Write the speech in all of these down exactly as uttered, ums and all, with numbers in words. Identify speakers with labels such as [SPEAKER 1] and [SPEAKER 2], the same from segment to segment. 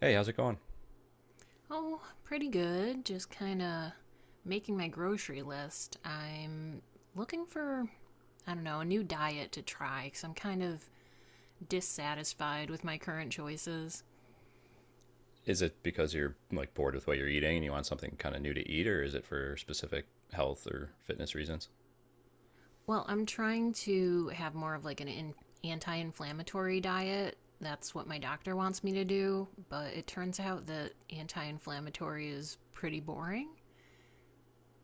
[SPEAKER 1] Hey, how's it going?
[SPEAKER 2] Oh, pretty good. Just kind of making my grocery list. I'm looking for, I don't know, a new diet to try because I'm kind of dissatisfied with my current choices.
[SPEAKER 1] Is it because you're like bored with what you're eating and you want something kind of new to eat, or is it for specific health or fitness reasons?
[SPEAKER 2] Well, I'm trying to have more of like an in- anti inflammatory diet. That's what my doctor wants me to do, but it turns out that anti inflammatory is pretty boring.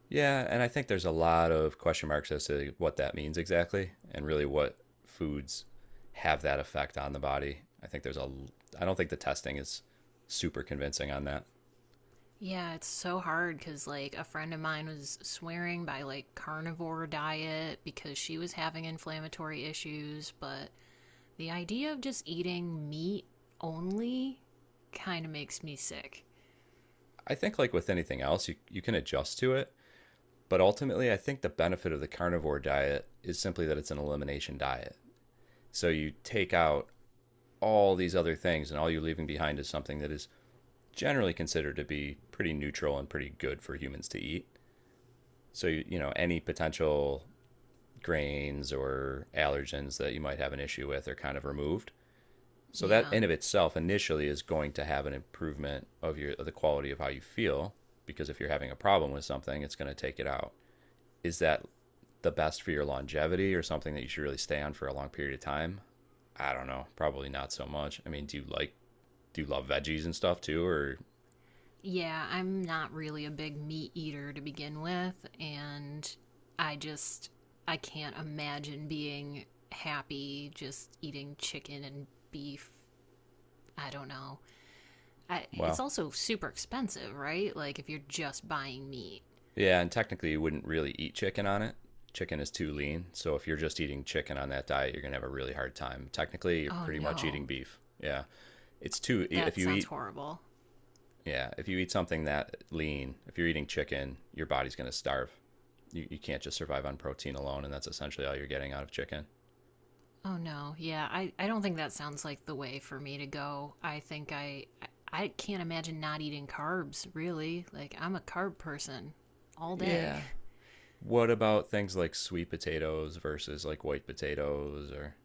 [SPEAKER 1] Yeah, and I think there's a lot of question marks as to what that means exactly and really what foods have that effect on the body. I think there's a l- I don't think the testing is super convincing on that.
[SPEAKER 2] Yeah, it's so hard because, like, a friend of mine was swearing by, like, carnivore diet because she was having inflammatory issues. But the idea of just eating meat only kind of makes me sick.
[SPEAKER 1] I think like with anything else, you you can adjust to it, but ultimately I think the benefit of the carnivore diet is simply that it's an elimination diet. So you take out all these other things, and all you're leaving behind is something that is generally considered to be pretty neutral and pretty good for humans to eat. So, you know, any potential grains or allergens that you might have an issue with are kind of removed. So that
[SPEAKER 2] Yeah.
[SPEAKER 1] in of itself initially is going to have an improvement of your of the quality of how you feel because if you're having a problem with something, it's going to take it out. Is that the best for your longevity or something that you should really stay on for a long period of time? I don't know. Probably not so much. I mean, do you like do you love veggies and stuff too, or
[SPEAKER 2] Yeah, I'm not really a big meat eater to begin with. And I just, I can't imagine being happy just eating chicken and beef. I don't know. I, it's
[SPEAKER 1] well,
[SPEAKER 2] also super expensive, right? Like if you're just buying meat.
[SPEAKER 1] yeah, and technically you wouldn't really eat chicken on it. Chicken is too lean, so if you're just eating chicken on that diet, you're gonna have a really hard time. Technically, you're
[SPEAKER 2] Oh
[SPEAKER 1] pretty much
[SPEAKER 2] no,
[SPEAKER 1] eating beef. Yeah, it's too. If
[SPEAKER 2] that
[SPEAKER 1] you
[SPEAKER 2] sounds
[SPEAKER 1] eat,
[SPEAKER 2] horrible.
[SPEAKER 1] yeah, if you eat something that lean, if you're eating chicken, your body's gonna starve. You you can't just survive on protein alone, and that's essentially all you're getting out of chicken.
[SPEAKER 2] Oh no, yeah, I, I don't think that sounds like the way for me to go. I think I, I I can't imagine not eating carbs, really. Like I'm a carb person all day.
[SPEAKER 1] Yeah. What about things like sweet potatoes versus like white potatoes or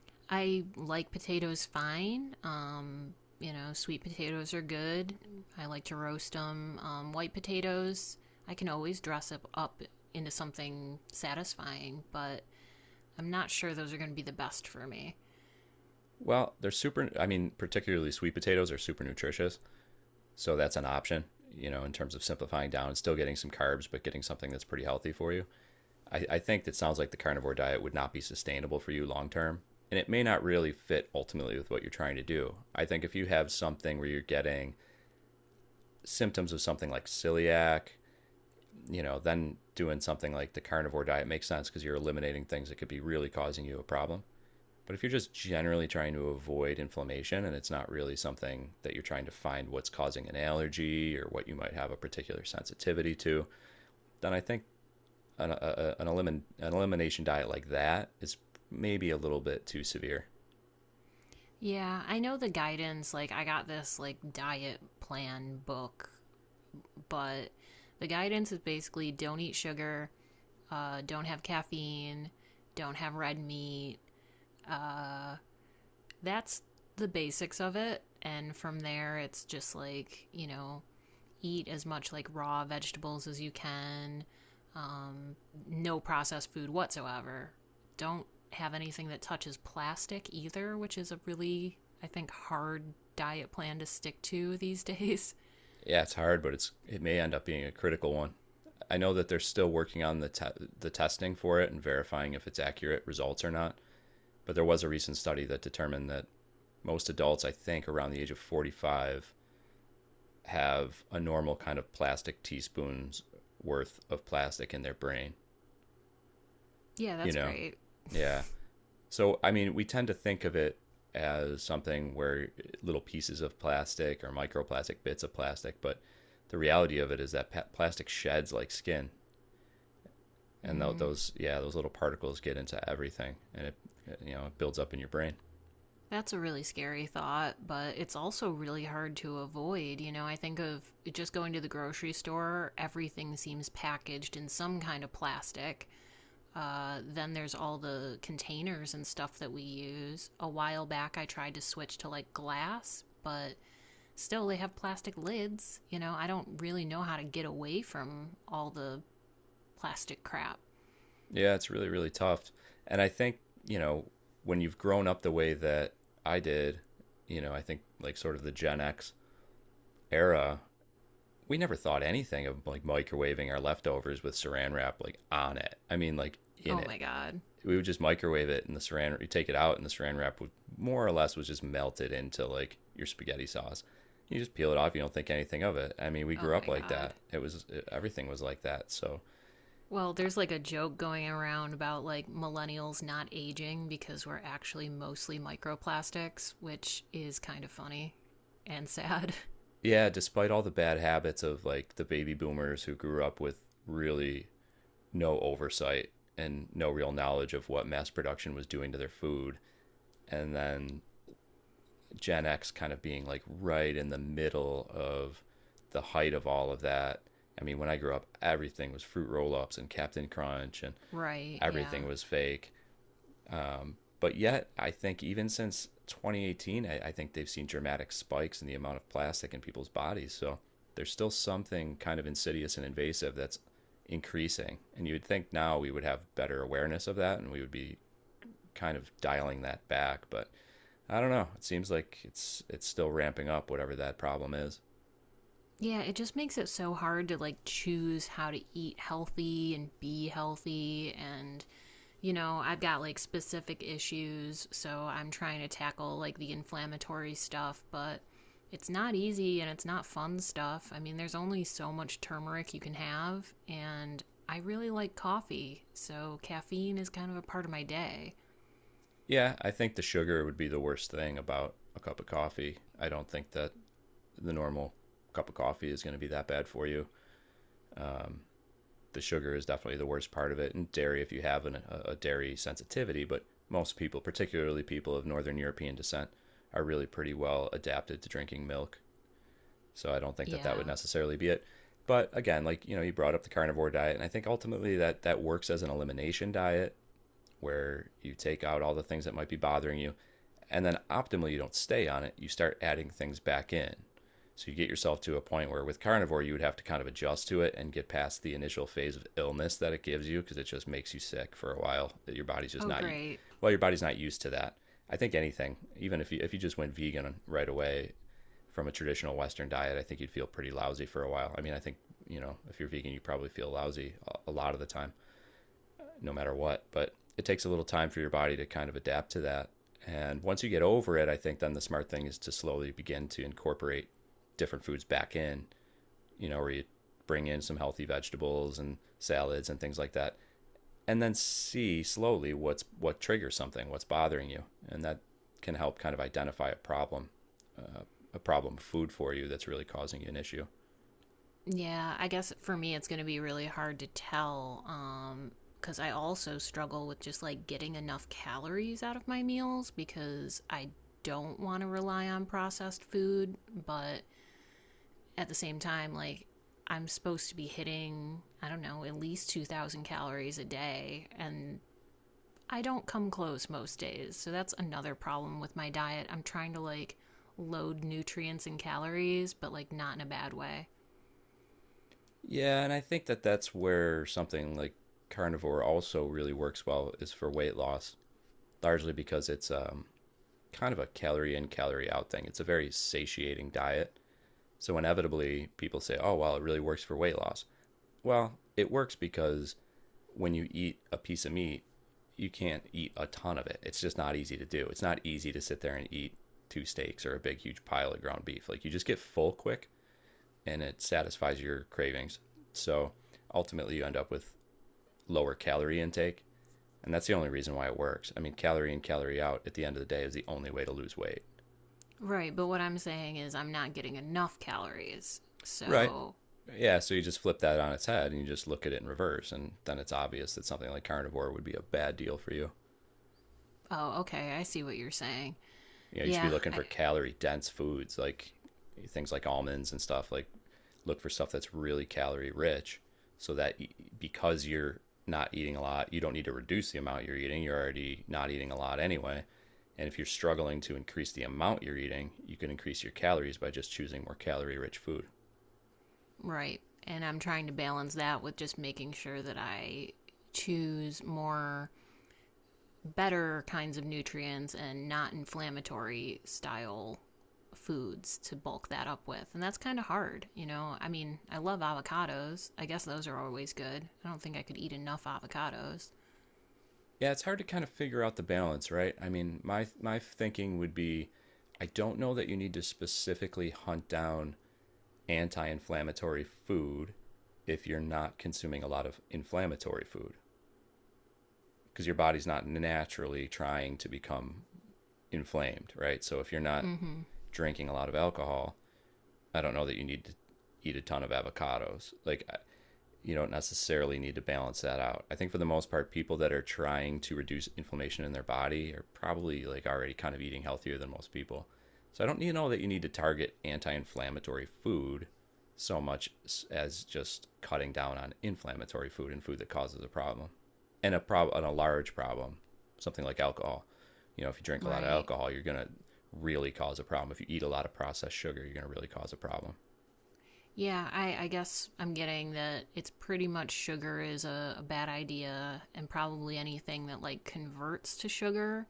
[SPEAKER 2] I like potatoes fine. Um, you know, sweet potatoes are good. I like to roast them. Um, white potatoes, I can always dress up, up into something satisfying, but I'm not sure those are going to be the best for me.
[SPEAKER 1] well, they're super, I mean, particularly sweet potatoes are super nutritious. So that's an option, you know, in terms of simplifying down and still getting some carbs, but getting something that's pretty healthy for you. I, I think that sounds like the carnivore diet would not be sustainable for you long term. And it may not really fit ultimately with what you're trying to do. I think if you have something where you're getting symptoms of something like celiac, you know, then doing something like the carnivore diet makes sense because you're eliminating things that could be really causing you a problem. But if you're just generally trying to avoid inflammation and it's not really something that you're trying to find what's causing an allergy or what you might have a particular sensitivity to, then I think an, a, an, elimin, an elimination diet like that is maybe a little bit too severe.
[SPEAKER 2] Yeah, I know the guidance, like, I got this, like, diet plan book, but the guidance is basically don't eat sugar, uh, don't have caffeine, don't have red meat. Uh, that's the basics of it. And from there, it's just like, you know, eat as much like raw vegetables as you can. Um, no processed food whatsoever. Don't have anything that touches plastic either, which is a really, I think, hard diet plan to stick to these days.
[SPEAKER 1] Yeah, it's hard, but it's it may end up being a critical one. I know that they're still working on the te- the testing for it and verifying if it's accurate results or not. But there was a recent study that determined that most adults, I think, around the age of forty-five have a normal kind of plastic teaspoons worth of plastic in their brain,
[SPEAKER 2] Yeah,
[SPEAKER 1] you
[SPEAKER 2] that's
[SPEAKER 1] know?
[SPEAKER 2] great.
[SPEAKER 1] Yeah. So, I mean, we tend to think of it as something where little pieces of plastic or microplastic bits of plastic, but the reality of it is that pa- plastic sheds like skin, and tho-
[SPEAKER 2] mm,
[SPEAKER 1] those yeah, those little particles get into everything, and it you know it builds up in your brain.
[SPEAKER 2] that's a really scary thought, but it's also really hard to avoid. You know, I think of just going to the grocery store, everything seems packaged in some kind of plastic. Uh, then there's all the containers and stuff that we use. A while back, I tried to switch to like glass, but still they have plastic lids. You know, I don't really know how to get away from all the plastic crap.
[SPEAKER 1] Yeah, it's really, really tough. And I think, you know, when you've grown up the way that I did, you know, I think like sort of the Gen X era, we never thought anything of like microwaving our leftovers with saran wrap like on it. I mean, like in
[SPEAKER 2] Oh
[SPEAKER 1] it.
[SPEAKER 2] my god.
[SPEAKER 1] We would just microwave it and the saran, you take it out and the saran wrap would more or less was just melted into like your spaghetti sauce. You just peel it off. You don't think anything of it. I mean, we
[SPEAKER 2] Oh
[SPEAKER 1] grew up
[SPEAKER 2] my
[SPEAKER 1] like
[SPEAKER 2] god.
[SPEAKER 1] that. It was, everything was like that. So
[SPEAKER 2] Well, there's like a joke going around about like millennials not aging because we're actually mostly microplastics, which is kind of funny and sad.
[SPEAKER 1] yeah, despite all the bad habits of like the baby boomers who grew up with really no oversight and no real knowledge of what mass production was doing to their food, and then Gen X kind of being like right in the middle of the height of all of that. I mean, when I grew up, everything was fruit roll ups and Captain Crunch, and
[SPEAKER 2] Right, yeah.
[SPEAKER 1] everything was fake. Um, but yet, I think even since twenty eighteen, I, I think they've seen dramatic spikes in the amount of plastic in people's bodies. So there's still something kind of insidious and invasive that's increasing. And you would think now we would have better awareness of that and we would be kind of dialing that back. But I don't know. It seems like it's it's still ramping up, whatever that problem is.
[SPEAKER 2] Yeah, it just makes it so hard to like choose how to eat healthy and be healthy, and you know, I've got like specific issues, so I'm trying to tackle like the inflammatory stuff, but it's not easy and it's not fun stuff. I mean, there's only so much turmeric you can have, and I really like coffee, so caffeine is kind of a part of my day.
[SPEAKER 1] Yeah, I think the sugar would be the worst thing about a cup of coffee. I don't think that the normal cup of coffee is going to be that bad for you. Um, the sugar is definitely the worst part of it, and dairy if you have an, a, a dairy sensitivity. But most people, particularly people of Northern European descent, are really pretty well adapted to drinking milk. So I don't think that that would
[SPEAKER 2] Yeah.
[SPEAKER 1] necessarily be it. But again, like you know, you brought up the carnivore diet, and I think ultimately that that works as an elimination diet where you take out all the things that might be bothering you. And then optimally, you don't stay on it. You start adding things back in. So you get yourself to a point where with carnivore, you would have to kind of adjust to it and get past the initial phase of illness that it gives you because it just makes you sick for a while. That your body's just
[SPEAKER 2] Oh,
[SPEAKER 1] not,
[SPEAKER 2] great.
[SPEAKER 1] well, your body's not used to that. I think anything, even if you, if you just went vegan right away from a traditional Western diet, I think you'd feel pretty lousy for a while. I mean, I think, you know, if you're vegan, you probably feel lousy a- a lot of the time no matter what. But it takes a little time for your body to kind of adapt to that. And once you get over it, I think then the smart thing is to slowly begin to incorporate different foods back in, you know, where you bring in some healthy vegetables and salads and things like that. And then see slowly what's what triggers something, what's bothering you. And that can help kind of identify a problem, uh, a problem food for you that's really causing you an issue.
[SPEAKER 2] Yeah, I guess for me it's going to be really hard to tell um cuz I also struggle with just like getting enough calories out of my meals because I don't want to rely on processed food, but at the same time like I'm supposed to be hitting, I don't know, at least two thousand calories a day and I don't come close most days. So that's another problem with my diet. I'm trying to like load nutrients and calories, but like not in a bad way.
[SPEAKER 1] Yeah, and I think that that's where something like carnivore also really works well is for weight loss largely because it's um, kind of a calorie in, calorie out thing. It's a very satiating diet. So, inevitably, people say, oh, well, it really works for weight loss. Well, it works because when you eat a piece of meat, you can't eat a ton of it. It's just not easy to do. It's not easy to sit there and eat two steaks or a big, huge pile of ground beef. Like, you just get full quick and it satisfies your cravings. So, ultimately, you end up with lower calorie intake and that's the only reason why it works. I mean, calorie in, calorie out at the end of the day is the only way to lose weight.
[SPEAKER 2] Right, but what I'm saying is I'm not getting enough calories.
[SPEAKER 1] Right.
[SPEAKER 2] So,
[SPEAKER 1] Yeah, so you just flip that on its head and you just look at it in reverse, and then it's obvious that something like carnivore would be a bad deal for you.
[SPEAKER 2] oh, okay, I see what you're saying.
[SPEAKER 1] You know, you should be
[SPEAKER 2] Yeah,
[SPEAKER 1] looking
[SPEAKER 2] I,
[SPEAKER 1] for calorie dense foods like things like almonds and stuff like look for stuff that's really calorie rich so that because you're not eating a lot, you don't need to reduce the amount you're eating. You're already not eating a lot anyway, and if you're struggling to increase the amount you're eating, you can increase your calories by just choosing more calorie rich food.
[SPEAKER 2] right. And I'm trying to balance that with just making sure that I choose more better kinds of nutrients and not inflammatory style foods to bulk that up with. And that's kind of hard, you know. I mean, I love avocados. I guess those are always good. I don't think I could eat enough avocados.
[SPEAKER 1] Yeah, it's hard to kind of figure out the balance, right? I mean, my my thinking would be I don't know that you need to specifically hunt down anti inflammatory food if you're not consuming a lot of inflammatory food because your body's not naturally trying to become inflamed, right? So if you're not
[SPEAKER 2] Mm. Mhm.
[SPEAKER 1] drinking a lot of alcohol, I don't know that you need to eat a ton of avocados. Like you don't necessarily need to balance that out. I think for the most part, people that are trying to reduce inflammation in their body are probably like already kind of eating healthier than most people. So I don't you know that you need to target anti-inflammatory food so much as just cutting down on inflammatory food and food that causes a problem and a problem and a large problem, something like alcohol. You know, if you drink a lot of
[SPEAKER 2] Right.
[SPEAKER 1] alcohol, you're gonna really cause a problem. If you eat a lot of processed sugar, you're gonna really cause a problem.
[SPEAKER 2] Yeah, I, I guess I'm getting that it's pretty much sugar is a, a bad idea, and probably anything that like converts to sugar.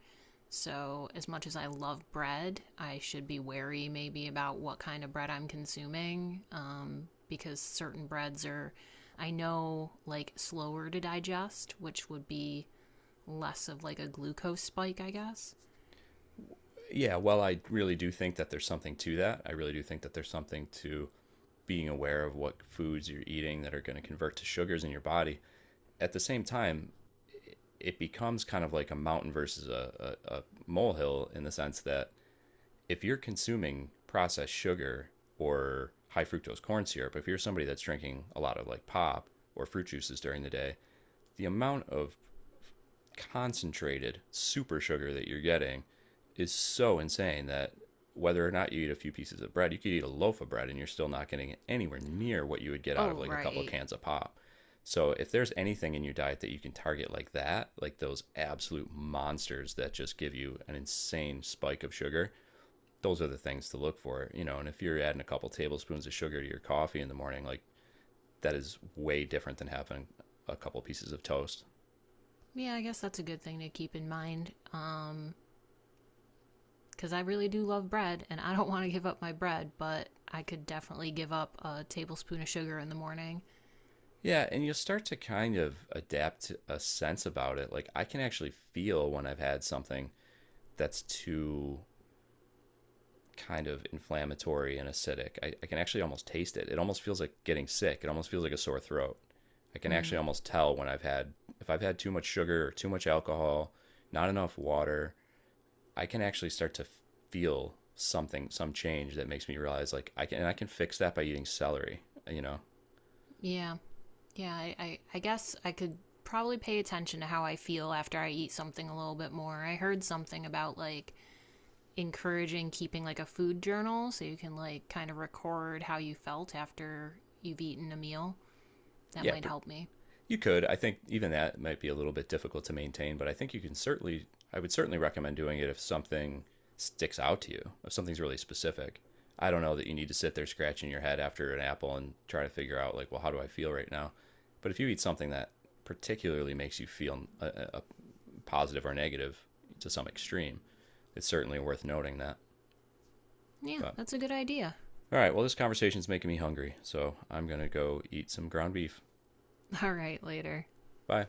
[SPEAKER 2] So, as much as I love bread, I should be wary maybe about what kind of bread I'm consuming um, because certain breads are, I know, like slower to digest, which would be less of like a glucose spike, I guess.
[SPEAKER 1] Yeah, well, I really do think that there's something to that. I really do think that there's something to being aware of what foods you're eating that are going to convert to sugars in your body. At the same time, it- becomes kind of like a mountain versus a, a, a molehill in the sense that if you're consuming processed sugar or high fructose corn syrup, if you're somebody that's drinking a lot of like pop or fruit juices during the day, the amount of concentrated super sugar that you're getting is so insane that whether or not you eat a few pieces of bread, you could eat a loaf of bread and you're still not getting anywhere near what you would get out of
[SPEAKER 2] Oh,
[SPEAKER 1] like a couple of
[SPEAKER 2] right.
[SPEAKER 1] cans of pop. So if there's anything in your diet that you can target like that, like those absolute monsters that just give you an insane spike of sugar, those are the things to look for, you know. And if you're adding a couple tablespoons of sugar to your coffee in the morning, like that is way different than having a couple pieces of toast.
[SPEAKER 2] Yeah, I guess that's a good thing to keep in mind. Um, because I really do love bread and I don't want to give up my bread, but I could definitely give up a tablespoon of sugar in the morning.
[SPEAKER 1] Yeah, and you'll start to kind of adapt a sense about it. Like I can actually feel when I've had something that's too kind of inflammatory and acidic. I, I can actually almost taste it. It almost feels like getting sick. It almost feels like a sore throat. I can
[SPEAKER 2] Hmm.
[SPEAKER 1] actually almost tell when I've had if I've had too much sugar or too much alcohol, not enough water. I can actually start to feel something, some change that makes me realize like I can and I can fix that by eating celery. You know,
[SPEAKER 2] Yeah. Yeah. I, I, I guess I could probably pay attention to how I feel after I eat something a little bit more. I heard something about like encouraging keeping like a food journal so you can like kind of record how you felt after you've eaten a meal. That
[SPEAKER 1] yeah,
[SPEAKER 2] might
[SPEAKER 1] pr-
[SPEAKER 2] help me.
[SPEAKER 1] you could. I think even that might be a little bit difficult to maintain, but I think you can certainly, I would certainly recommend doing it if something sticks out to you, if something's really specific. I don't know that you need to sit there scratching your head after an apple and try to figure out, like, well, how do I feel right now? But if you eat something that particularly makes you feel a, a positive or negative to some extreme, it's certainly worth noting that.
[SPEAKER 2] Yeah,
[SPEAKER 1] But
[SPEAKER 2] that's a good idea.
[SPEAKER 1] all right, well, this conversation's making me hungry, so I'm going to go eat some ground beef.
[SPEAKER 2] All right, later.
[SPEAKER 1] Bye.